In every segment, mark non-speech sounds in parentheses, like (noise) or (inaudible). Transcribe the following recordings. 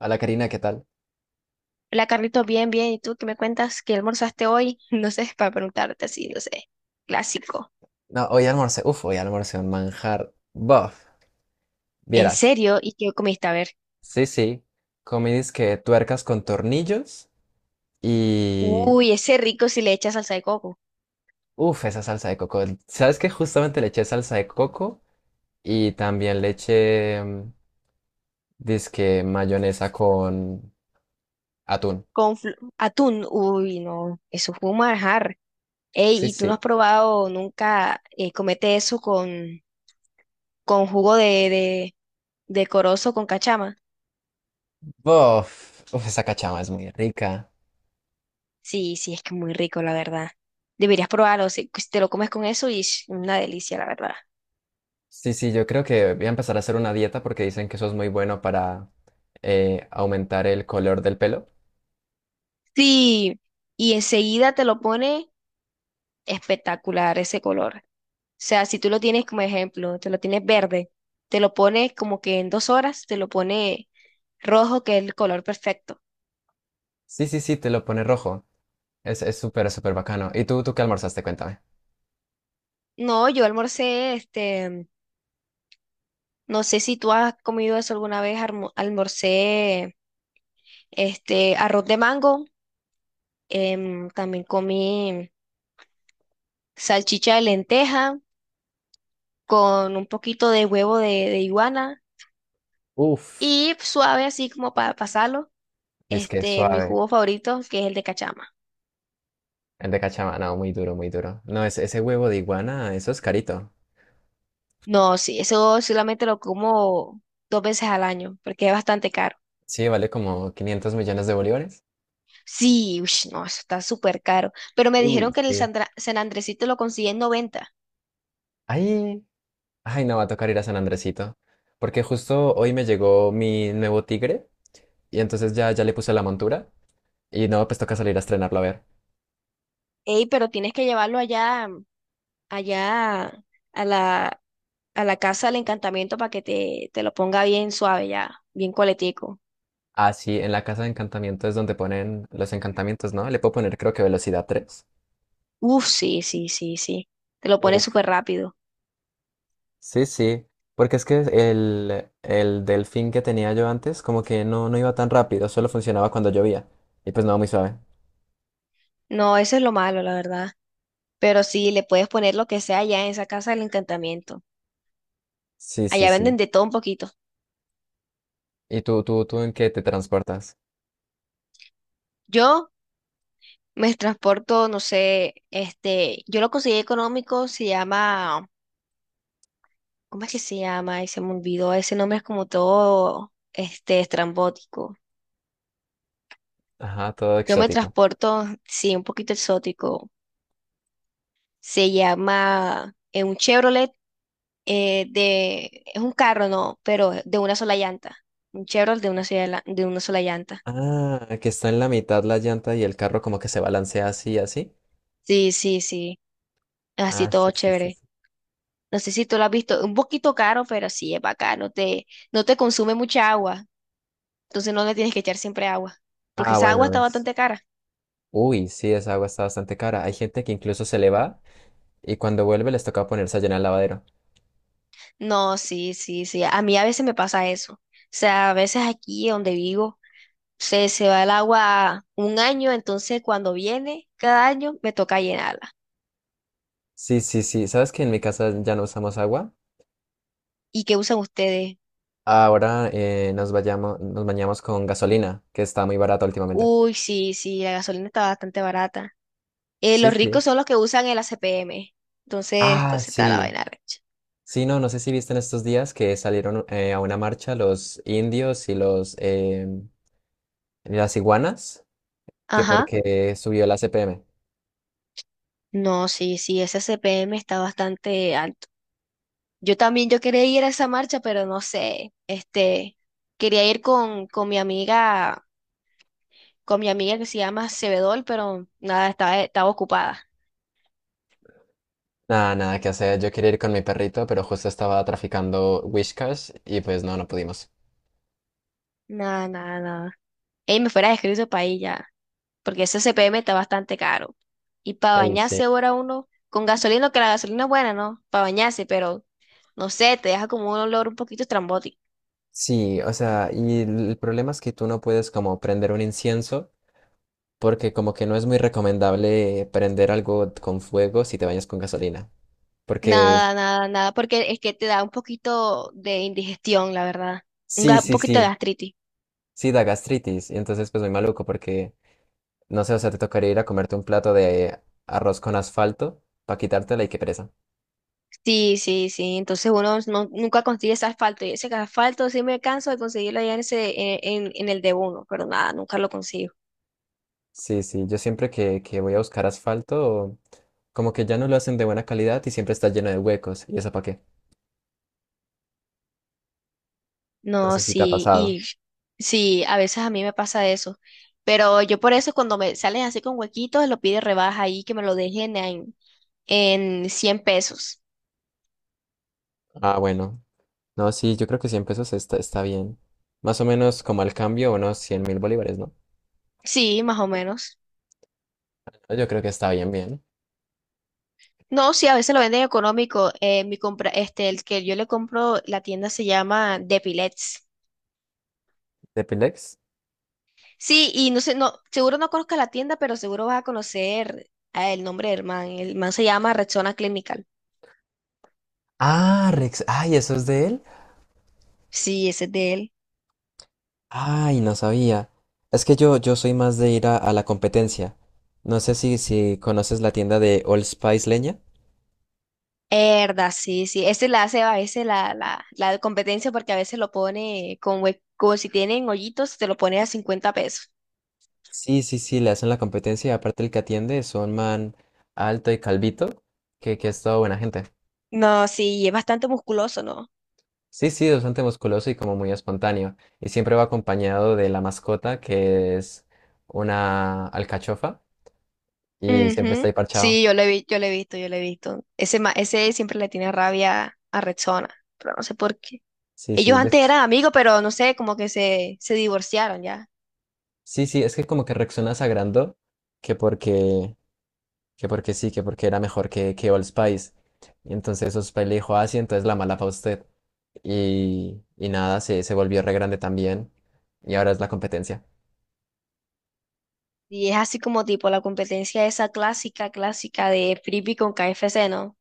Hola Karina, ¿qué tal? Hola Carlitos, bien, bien. ¿Y tú qué me cuentas? ¿Qué almorzaste hoy? (laughs) No sé, para preguntarte así, no sé. Clásico. No, hoy almorcé un manjar. Buff, ¿En vieras. serio? ¿Y qué comiste? A ver. Sí, sí, comí disque tuercas con tornillos y. Uy, ese rico si le echas salsa de coco. Uf, esa salsa de coco. ¿Sabes qué? Justamente le eché salsa de coco y también le eché, dizque mayonesa con atún. Con atún. Uy, no. Eso fue un manjar. Sí, Ey, ¿y tú no sí. has probado nunca comete eso con jugo de corozo con cachama? Bof, uf, esa cachama es muy rica. Sí, sí, es que muy rico, la verdad. Deberías probarlo. Si te lo comes con eso, y una delicia, la verdad. Sí, sí, yo creo que voy a empezar a hacer una dieta porque dicen que eso es muy bueno para aumentar el color del pelo. Sí, y enseguida te lo pone espectacular ese color. O sea, si tú lo tienes como ejemplo, te lo tienes verde, te lo pone como que en 2 horas, te lo pone rojo, que es el color perfecto. Sí, sí, sí, te lo pone rojo. Es súper, súper bacano. ¿Y tú qué almorzaste? Cuéntame. No, yo almorcé, este, no sé si tú has comido eso alguna vez, almorcé, este, arroz de mango, también comí salchicha de lenteja con un poquito de huevo de iguana Uf, y suave así como para pasarlo, es que este, mi suave. jugo favorito, que es el de cachama. El de cachama, no, muy duro, muy duro. No, ese huevo de iguana, eso es carito. No, sí, eso solamente lo como 2 veces al año, porque es bastante caro. Sí, vale como 500 millones de bolívares. Sí, ush, no, eso está súper caro. Pero me Uy, dijeron que en el sí. San Andresito lo consigue en 90. Ay, ay, no, va a tocar ir a San Andresito. Porque justo hoy me llegó mi nuevo tigre y entonces ya, ya le puse la montura y no, pues toca salir a estrenarlo a ver. Ey, pero tienes que llevarlo allá, allá a la, a la casa del encantamiento para que te lo ponga bien suave ya, bien coletico. Ah, sí, en la casa de encantamiento es donde ponen los encantamientos, ¿no? Le puedo poner creo que velocidad 3. Uf, sí, sí, sí, sí. Te lo pone súper rápido. Sí, sí, porque es que el delfín que tenía yo antes como que no, no iba tan rápido, solo funcionaba cuando llovía. Y pues no, muy suave. No, eso es lo malo, la verdad. Pero sí, le puedes poner lo que sea allá en esa casa del encantamiento. Sí, sí, Allá venden sí. de todo un poquito. ¿Y tú en qué te transportas? Yo me transporto, no sé, este, yo lo conseguí económico, se llama, ¿cómo es que se llama? Ay, se me olvidó, ese nombre es como todo, este, estrambótico. Ajá, todo Yo me exótico. transporto, sí, un poquito exótico. Se llama un Chevrolet de, es un carro, no, pero de una sola llanta. Un Chevrolet de una sola llanta. Ah, que está en la mitad la llanta y el carro como que se balancea así, así. Sí, sí, sí, así Ah, sí, todo sí, sí, chévere. sí. No sé si tú lo has visto, un poquito caro, pero sí es bacano, no te consume mucha agua. Entonces no le tienes que echar siempre agua, porque Ah, esa agua bueno, está es. bastante cara. Uy, sí, esa agua está bastante cara. Hay gente que incluso se le va y cuando vuelve les toca ponerse a llenar el lavadero. No, sí, sí, sí. A mí a veces me pasa eso. O sea, a veces aquí donde vivo se va el agua un año, entonces cuando viene cada año me toca llenarla. Sí, sí, sí. ¿Sabes que en mi casa ya no usamos agua? ¿Y qué usan ustedes? Ahora nos bañamos con gasolina, que está muy barata últimamente. Uy, sí, sí, la gasolina está bastante barata. Sí, Los sí. ricos son los que usan el ACPM. Entonces, Ah, entonces está la sí. vaina recha. Sí, no, no sé si viste en estos días que salieron a una marcha los indios y los las iguanas, que Ajá. porque subió la CPM. No, sí, sí, ese ACPM está bastante alto. Yo también, yo quería ir a esa marcha, pero no sé, este, quería ir con mi amiga que se llama Sebedol, pero nada, estaba, estaba ocupada. Nada, nada que hacer. Yo quería ir con mi perrito, pero justo estaba traficando Whiskas y pues no, no pudimos. Nada, nada, nada. Ey, me fuera escrito para ahí ya, porque ese CPM está bastante caro. Y para Ey, sí. bañarse ahora uno, con gasolina, que la gasolina es buena, ¿no? Para bañarse, pero no sé, te deja como un olor un poquito estrambótico. Sí, o sea, y el problema es que tú no puedes como prender un incienso porque como que no es muy recomendable prender algo con fuego si te bañas con gasolina. Porque Nada, nada, nada, porque es que te da un poquito de indigestión, la verdad. Un, sí, un sí, poquito de sí, gastritis. sí da gastritis. Y entonces pues muy maluco porque, no sé, o sea, te tocaría ir a comerte un plato de arroz con asfalto para quitártela y qué pereza. Sí, sí, sí. Entonces uno nunca consigue ese asfalto. Y ese asfalto sí me canso de conseguirlo allá en ese, en el de uno, pero nada, nunca lo consigo. Sí, sí, yo siempre que voy a buscar asfalto, como que ya no lo hacen de buena calidad y siempre está lleno de huecos. ¿Y eso para qué? No No, sé si te ha sí, pasado. y sí, a veces a mí me pasa eso. Pero yo por eso cuando me salen así con huequitos, lo pide rebaja ahí, que me lo dejen en, 100 pesos. Ah, bueno. No, sí, yo creo que 100 pesos está bien. Más o menos como al cambio, unos 100 mil bolívares, ¿no? Sí, más o menos. Yo creo que está bien, bien. No, sí, a veces lo venden económico. Mi compra, este, el que yo le compro, la tienda se llama Depilets. ¿Depilex? Sí, y no sé, no, seguro no conozcas la tienda, pero seguro vas a conocer el nombre del man. El man se llama Rexona Clinical. Ah, Rex. Ay, ¿eso es de él? Sí, ese es de él. Ay, no sabía. Es que yo soy más de ir a la competencia. No sé si conoces la tienda de Old Spice Leña. Herda, sí, sí. Ese la hace a veces la competencia porque a veces lo pone con como si tienen hoyitos, te lo pone a 50 pesos. Sí, sí, sí, le hacen la competencia y aparte el que atiende es un man alto y calvito, que es toda buena gente. No, sí, y es bastante musculoso, ¿no? Sí, sí, bastante musculoso y como muy espontáneo. Y siempre va acompañado de la mascota, que es una alcachofa, y siempre está Ujú. ahí parchado. Sí, yo lo he visto, yo lo he visto. Ese, ese siempre le tiene rabia a Rexona, pero no sé por qué. Sí, sí, Ellos yo, antes sí. eran amigos, pero no sé, como que se divorciaron ya. Sí, sí, es que como que reaccionas a que porque, que porque sí, que porque era mejor que Old Spice. Y entonces Old Spice le dijo, ah, sí, entonces la mala para usted. Y nada, se volvió re grande también. Y ahora es la competencia. Y es así como tipo la competencia esa clásica, clásica de Frisbee con KFC, ¿no?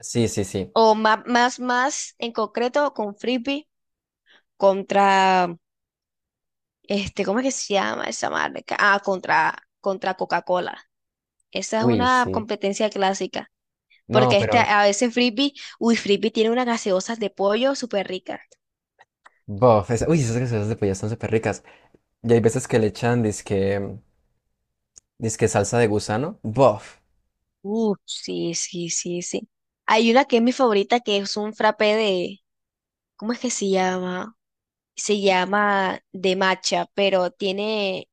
Sí, sí, sí. O más en concreto con Frisbee contra, este, ¿cómo es que se llama esa marca? Ah, contra Coca-Cola. Esa es Uy, una sí. competencia clásica. Porque No, este, pero, a veces Frisbee, uy, Frisbee tiene unas gaseosas de pollo súper ricas. bof, uy, esas gaseosas de pollo están súper ricas. Y hay veces que le echan disque salsa de gusano. Bof. Sí, sí, sí, sí. Hay una que es mi favorita, que es un frappé de, ¿cómo es que se llama? Se llama de matcha, pero tiene,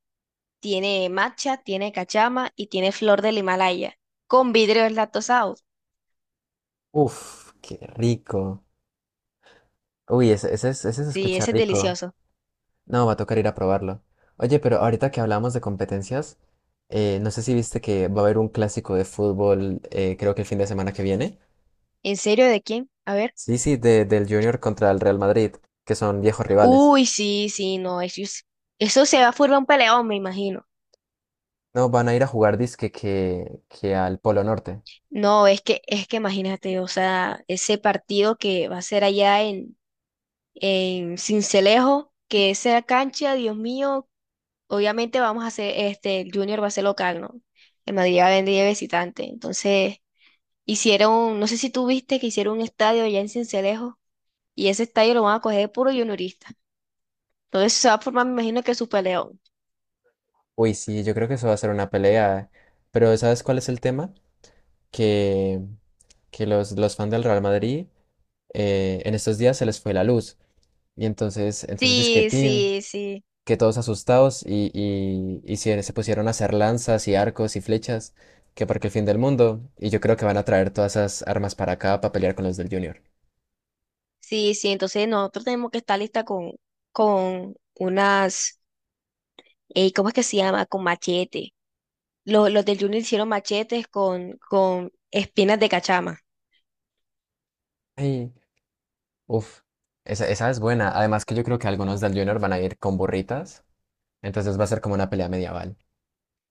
tiene matcha, tiene cachama y tiene flor del Himalaya, con vidrios lactosados. Uf, qué rico. Uy, ese se Sí, escucha ese es rico. delicioso. No, va a tocar ir a probarlo. Oye, pero ahorita que hablamos de competencias, no sé si viste que va a haber un clásico de fútbol, creo que el fin de semana que viene. ¿En serio de quién? A ver. Sí, sí, del Junior contra el Real Madrid, que son viejos rivales. Uy, sí, sí, no, eso, eso se va a formar un peleón, me imagino. No, van a ir a jugar disque que al Polo Norte. No, es que imagínate, o sea, ese partido que va a ser allá en Sincelejo, que esa cancha, Dios mío, obviamente vamos a hacer, este, el Junior va a ser local, ¿no? El Madrid va a venir de visitante, entonces hicieron, no sé si tú viste que hicieron un estadio allá en Cincelejo y ese estadio lo van a coger de puro juniorista. Entonces se va a formar, me imagino que su peleón. Uy, sí, yo creo que eso va a ser una pelea. Pero ¿sabes cuál es el tema? Que, que los fans del Real Madrid en estos días se les fue la luz. Y entonces Sí, disquetín, sí, sí, que todos asustados y se pusieron a hacer lanzas y arcos y flechas, que porque el fin del mundo, y yo creo que van a traer todas esas armas para acá para pelear con los del Junior. sí, sí. Entonces nosotros tenemos que estar lista con unas, ¿cómo es que se llama? Con machete. Los del Junior hicieron machetes con espinas de cachama. Ay, uff, esa es buena. Además que yo creo que algunos del Junior van a ir con burritas, entonces va a ser como una pelea medieval.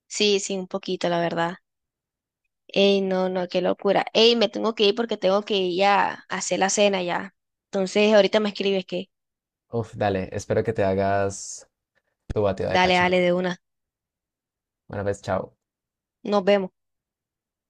Sí, sí, un poquito, la verdad. Ey, no, no, qué locura. Ey, me tengo que ir porque tengo que ir a hacer la cena ya. Entonces ahorita me escribes que, Uf, dale, espero que te hagas tu batida de dale, dale cachama. de una. Bueno, pues, chao. Nos vemos.